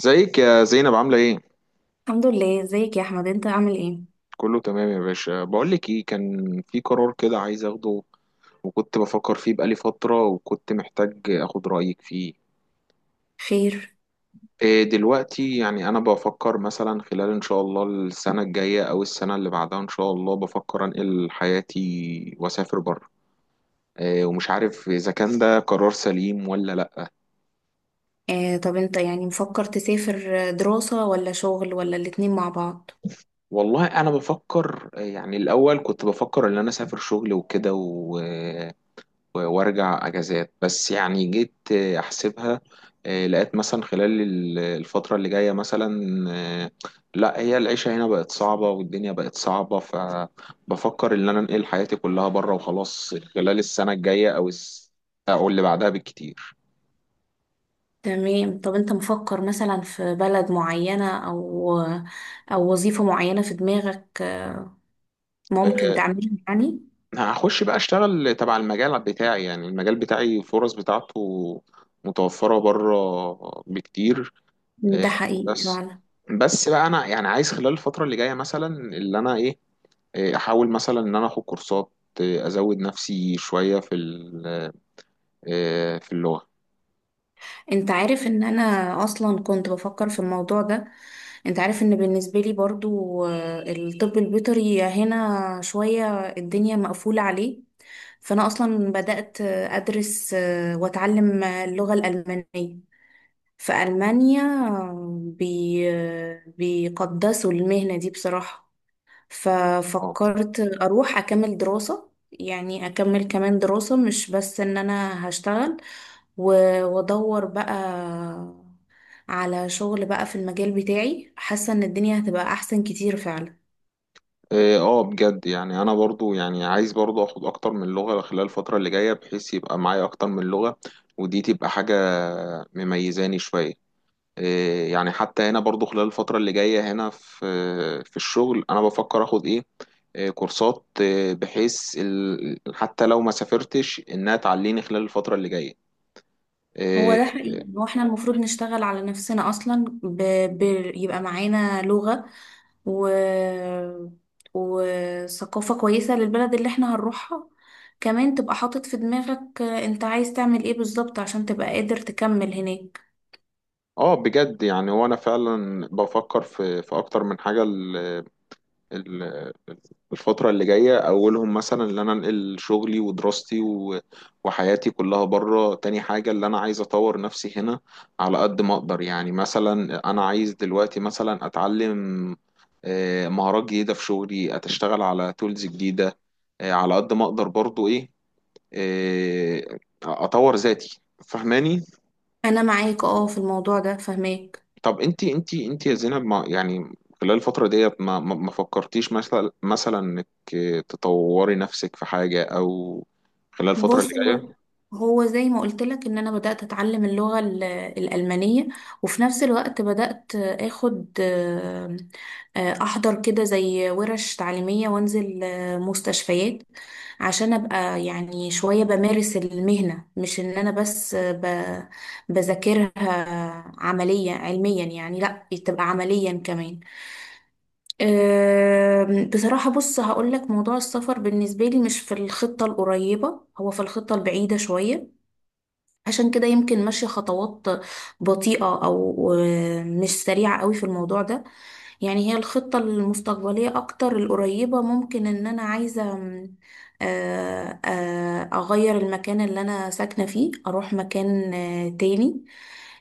ازيك يا زينب، عاملة ايه؟ الحمد لله، ازيك يا احمد؟ انت عامل ايه؟ كله تمام يا باشا. بقولك ايه، كان في قرار كده عايز اخده وكنت بفكر فيه بقالي فترة وكنت محتاج اخد رأيك فيه. خير. دلوقتي يعني انا بفكر مثلا خلال ان شاء الله السنة الجاية او السنة اللي بعدها ان شاء الله، بفكر انقل حياتي واسافر بره. ومش عارف اذا كان ده قرار سليم ولا لا. طب انت يعني مفكر تسافر دراسة ولا شغل ولا الاتنين مع بعض؟ والله انا بفكر، يعني الاول كنت بفكر ان انا اسافر شغل وكده وارجع اجازات، بس يعني جيت احسبها. لقيت مثلا خلال الفترة اللي جاية مثلا. آه، لا، هي العيشة هنا بقت صعبة والدنيا بقت صعبة، فبفكر ان انا انقل حياتي كلها بره وخلاص خلال السنة الجاية او او اللي بعدها بالكتير. تمام. طب انت مفكر مثلا في بلد معينة او وظيفة معينة في دماغك ممكن آه، تعملها يعني؟ هخش بقى اشتغل تبع المجال بتاعي، يعني المجال بتاعي الفرص بتاعته متوفرة بره بكتير. إيه، ده حقيقي بس فعلا. بس بقى انا يعني عايز خلال الفتره اللي جايه مثلا اللي انا ايه، احاول مثلا ان انا اخد كورسات، ازود نفسي شويه في في اللغه. انت عارف ان انا اصلا كنت بفكر في الموضوع ده. انت عارف ان بالنسبة لي برضو، الطب البيطري هنا شوية الدنيا مقفولة عليه. فأنا أصلا بدأت أدرس وأتعلم اللغة الألمانية في ألمانيا. آه، بي آه، بيقدسوا المهنة دي بصراحة. اه. ففكرت أروح أكمل دراسة، يعني أكمل كمان دراسة، مش بس إن أنا هشتغل وأدور بقى على شغل بقى في المجال بتاعي. حاسة إن الدنيا هتبقى أحسن كتير فعلا. اه، بجد، يعني انا برضو يعني عايز برضو اخد اكتر من لغه خلال الفتره اللي جايه بحيث يبقى معايا اكتر من لغه، ودي تبقى حاجه مميزاني شويه. يعني حتى هنا برضو خلال الفتره اللي جايه هنا في الشغل انا بفكر اخد ايه، كورسات، بحيث حتى لو ما سافرتش انها تعليني خلال الفترة اللي جاية. هو اه. ده حقيقي. هو احنا المفروض نشتغل على نفسنا اصلا، ب... يبقى معانا لغة و... وثقافة كويسة للبلد اللي احنا هنروحها. كمان تبقى حاطط في دماغك انت عايز تعمل ايه بالظبط عشان تبقى قادر تكمل هناك. بجد، يعني هو انا فعلا بفكر في اكتر من حاجة. ال- الفترة اللي جاية اولهم مثلا ان انا انقل شغلي ودراستي و- وحياتي كلها بره، تاني حاجة اللي انا عايز اطور نفسي هنا على قد ما اقدر. يعني مثلا انا عايز دلوقتي مثلا اتعلم مهارات جديدة في شغلي، اتشتغل على تولز جديدة على قد ما اقدر برضو ايه، اطور ذاتي، فهماني؟ انا معاك اه في الموضوع ده، فهماك. طب انت يا زينب، ما يعني خلال الفترة ديت ما فكرتيش مثلا انك تطوري نفسك في حاجة، او خلال الفترة اللي بص، هو جاية؟ هو زي ما قلت لك ان انا بدأت اتعلم اللغة الألمانية. وفي نفس الوقت بدأت اخد، احضر كده زي ورش تعليمية، وانزل مستشفيات، عشان ابقى يعني شوية بمارس المهنة، مش ان انا بس بذاكرها عملية علميا، يعني لا، تبقى عمليا كمان. بصراحة بص هقول لك، موضوع السفر بالنسبة لي مش في الخطة القريبة، هو في الخطة البعيدة شوية. عشان كده يمكن ماشية خطوات بطيئة أو مش سريعة قوي في الموضوع ده. يعني هي الخطة المستقبلية أكتر، القريبة، ممكن إن أنا عايزة م، آه، آه، أغير المكان اللي أنا ساكنة فيه، أروح مكان تاني.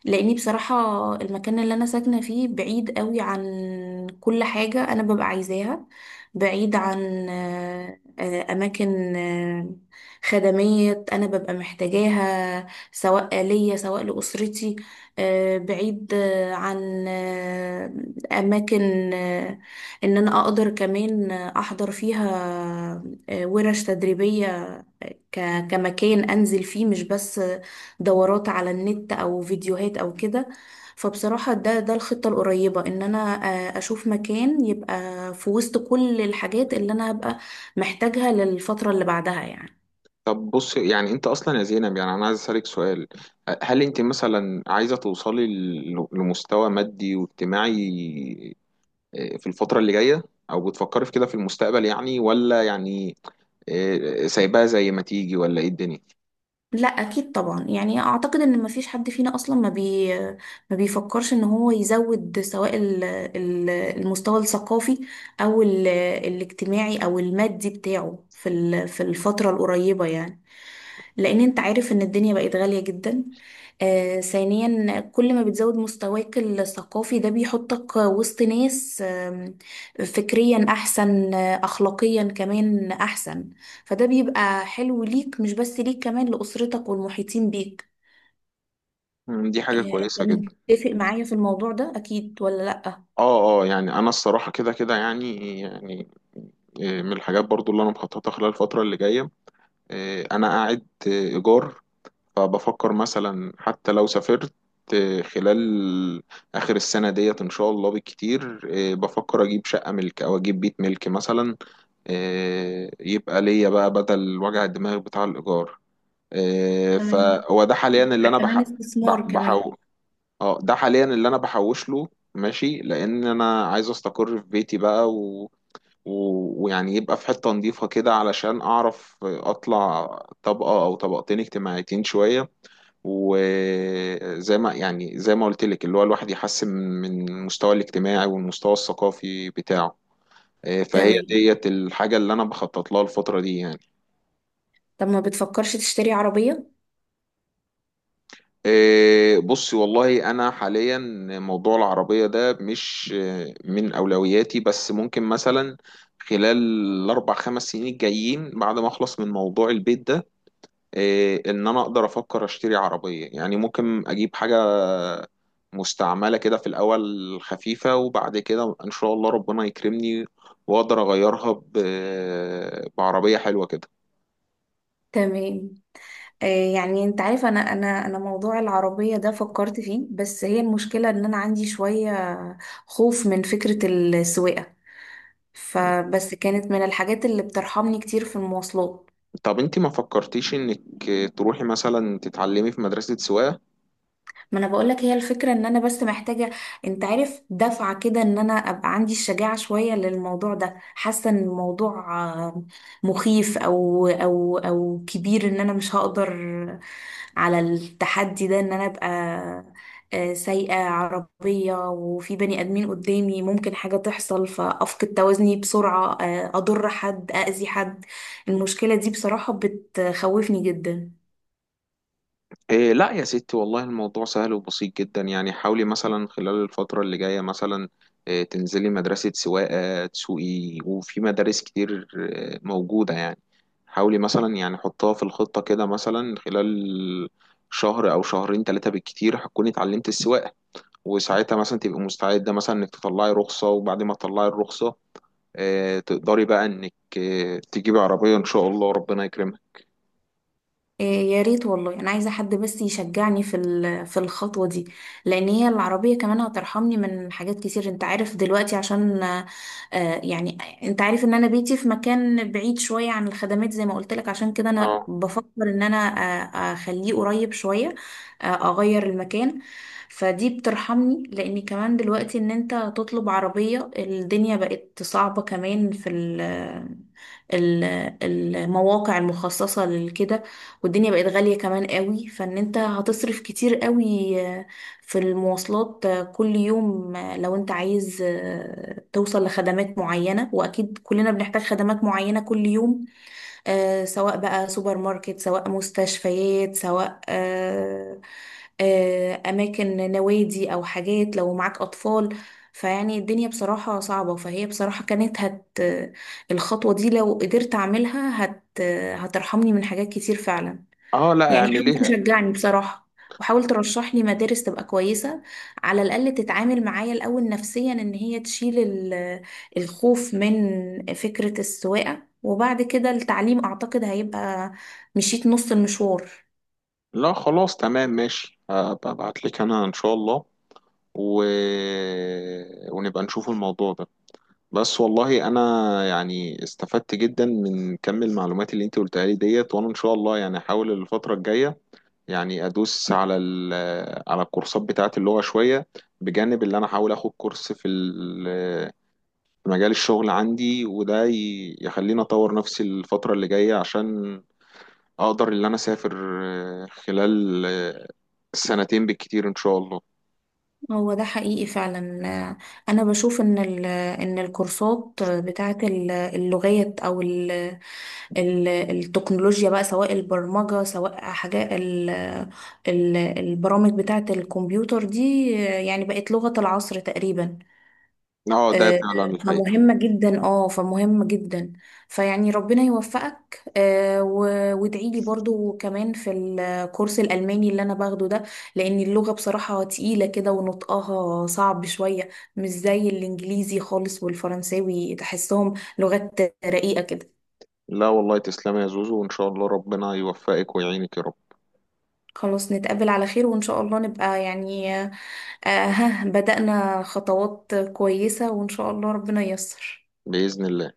لأني بصراحة المكان اللي أنا ساكنة فيه بعيد قوي عن كل حاجة أنا ببقى عايزاها. بعيد عن، أماكن خدمية أنا ببقى محتاجاها، سواء ليا سواء لأسرتي. بعيد عن اماكن ان انا اقدر كمان احضر فيها ورش تدريبية، كمكان انزل فيه، مش بس دورات على النت او فيديوهات او كده. فبصراحة ده الخطة القريبة، ان انا اشوف مكان يبقى في وسط كل الحاجات اللي انا هبقى محتاجها للفترة اللي بعدها يعني. طب بص، يعني انت اصلا يا زينب، يعني انا عايز اسالك سؤال. هل انت مثلا عايزة توصلي ل- لمستوى مادي واجتماعي في الفترة اللي جاية، او بتفكري في كده في المستقبل يعني، ولا يعني سايباها زي ما تيجي؟ ولا ايه الدنيا؟ لا، اكيد طبعا، يعني اعتقد ان مفيش حد فينا اصلا ما بيفكرش ان هو يزود سواء المستوى الثقافي او الاجتماعي او المادي بتاعه في الفترة القريبة، يعني لان انت عارف ان الدنيا بقت غالية جدا. ثانيا، كل ما بتزود مستواك الثقافي ده بيحطك وسط ناس فكريا احسن، اخلاقيا كمان احسن. فده بيبقى حلو ليك، مش بس ليك، كمان لأسرتك والمحيطين بيك. دي حاجة انت كويسة جدا. متفق معايا في الموضوع ده اكيد ولا لأ؟ اه، اه، يعني انا الصراحه كده يعني من الحاجات برضو اللي انا مخططها خلال الفتره اللي جايه. انا قاعد ايجار، فبفكر مثلا حتى لو سافرت خلال اخر السنه ديت ان شاء الله بالكتير، بفكر اجيب شقه ملك او اجيب بيت ملك مثلا، يبقى ليا بقى بدل وجع الدماغ بتاع الايجار. تمام. فهو ده حاليا اللي يبقى انا كمان استثمار كمان. بحقق. اه، ده حاليا اللي انا بحوش له، ماشي، لان انا عايز استقر في بيتي بقى، و... ويعني يبقى في حتة نظيفة كده علشان اعرف اطلع طبقة او طبقتين اجتماعيتين شوية، وزي ما يعني، زي ما قلت لك، اللي هو الواحد يحسن من المستوى الاجتماعي والمستوى الثقافي بتاعه. فهي تمام. ديت الحاجة اللي انا بخطط لها الفترة دي يعني. طب ما بتفكرش تشتري عربية؟ بصي، والله انا حاليا موضوع العربيه ده مش من اولوياتي، بس ممكن مثلا خلال الاربع خمس سنين الجايين بعد ما اخلص من موضوع البيت ده ان انا اقدر افكر اشتري عربيه. يعني ممكن اجيب حاجه مستعمله كده في الاول، خفيفه، وبعد كده ان شاء الله ربنا يكرمني واقدر اغيرها ب- بعربيه حلوه كده. تمام. يعني انت عارف، انا موضوع العربية ده فكرت فيه، بس هي المشكلة ان انا عندي شوية خوف من فكرة السواقة، فبس كانت من الحاجات اللي بترحمني كتير في المواصلات. طب انت ما فكرتيش انك تروحي مثلا تتعلمي في مدرسه سواقه؟ ما انا بقولك، هي الفكرة ان انا بس محتاجة، انت عارف، دفعة كده، ان انا ابقى عندي الشجاعة شوية للموضوع ده. حاسة ان الموضوع آه، مخيف او كبير، ان انا مش هقدر على التحدي ده، ان انا ابقى سايقة عربية وفي بني ادمين قدامي ممكن حاجة تحصل فافقد توازني بسرعة، اضر حد، اذي حد. المشكلة دي بصراحة بتخوفني جدا. لا يا ستي، والله الموضوع سهل وبسيط جدا. يعني حاولي مثلا خلال الفترة اللي جاية مثلا تنزلي مدرسة سواقة تسوقي، وفي مدارس كتير موجودة يعني. حاولي مثلا، يعني حطها في الخطة كده مثلا خلال شهر أو شهرين ثلاثة بالكتير هتكوني اتعلمت السواقة، وساعتها مثلا تبقي مستعدة مثلا إنك تطلعي رخصة، وبعد ما تطلعي الرخصة تقدري بقى إنك تجيبي عربية إن شاء الله ربنا يكرمك. إيه، يا ريت والله، انا عايزه حد بس يشجعني في الخطوه دي، لان هي العربيه كمان هترحمني من حاجات كتير. انت عارف دلوقتي عشان، يعني انت عارف ان انا بيتي في مكان بعيد شويه عن الخدمات زي ما قلت لك. عشان كده انا اه. بفكر ان انا اخليه قريب شويه، اغير المكان. فدي بترحمني، لان كمان دلوقتي ان انت تطلب عربيه الدنيا بقت صعبه كمان في ال- المواقع المخصصه لكده. والدنيا بقت غالية كمان قوي، فان انت هتصرف كتير قوي في المواصلات كل يوم، لو انت عايز توصل لخدمات معينة، واكيد كلنا بنحتاج خدمات معينة كل يوم، سواء بقى سوبر ماركت سواء مستشفيات سواء اماكن نوادي او حاجات لو معاك اطفال. فيعني الدنيا بصراحة صعبة، فهي بصراحة كانت هت الخطوة دي لو قدرت أعملها هترحمني من حاجات كتير فعلا. اه. لا، يعني حاول اعمليها. تشجعني بصراحة، وحاول ترشح لي مدارس تبقى كويسة، على الأقل تتعامل معايا الأول نفسيا، إن هي تشيل الخوف من فكرة السواقة، وبعد كده التعليم أعتقد هيبقى مشيت نص المشوار. لا خلاص تمام ماشي، ابعت لك انا ان شاء الله و... ونبقى نشوف الموضوع ده. بس والله انا يعني استفدت جدا من كم المعلومات اللي انت قلتها لي ديت، وانا ان شاء الله يعني احاول الفترة الجاية يعني ادوس على على الكورسات بتاعت اللغة شوية، بجانب اللي انا احاول اخد كورس في في مجال الشغل عندي، وده يخليني اطور نفسي الفترة اللي جاية عشان اقدر ان انا اسافر خلال 2 سنين بالكتير ان شاء الله. هو ده حقيقي فعلا. أنا بشوف إن الكورسات بتاعت اللغات، أو التكنولوجيا بقى، سواء البرمجة سواء حاجات البرامج بتاعة الكمبيوتر دي، يعني بقت لغة العصر تقريبا. اه، ده آه، فعلا الحقيقة. فمهمة جدا، فمهمة جدا. فيعني ربنا يوفقك، وادعي لي برضو كمان في الكورس الألماني اللي أنا باخده ده، لأن اللغة بصراحة تقيلة كده ونطقها صعب شوية، مش زي الإنجليزي خالص والفرنساوي، تحسهم لغات رقيقة كده. لا والله، تسلم يا زوزو، وان شاء الله ربنا يوفقك ويعينك يا رب. خلاص، نتقابل على خير، وإن شاء الله نبقى يعني، ها بدأنا خطوات كويسة، وإن شاء الله ربنا ييسر. بإذن الله.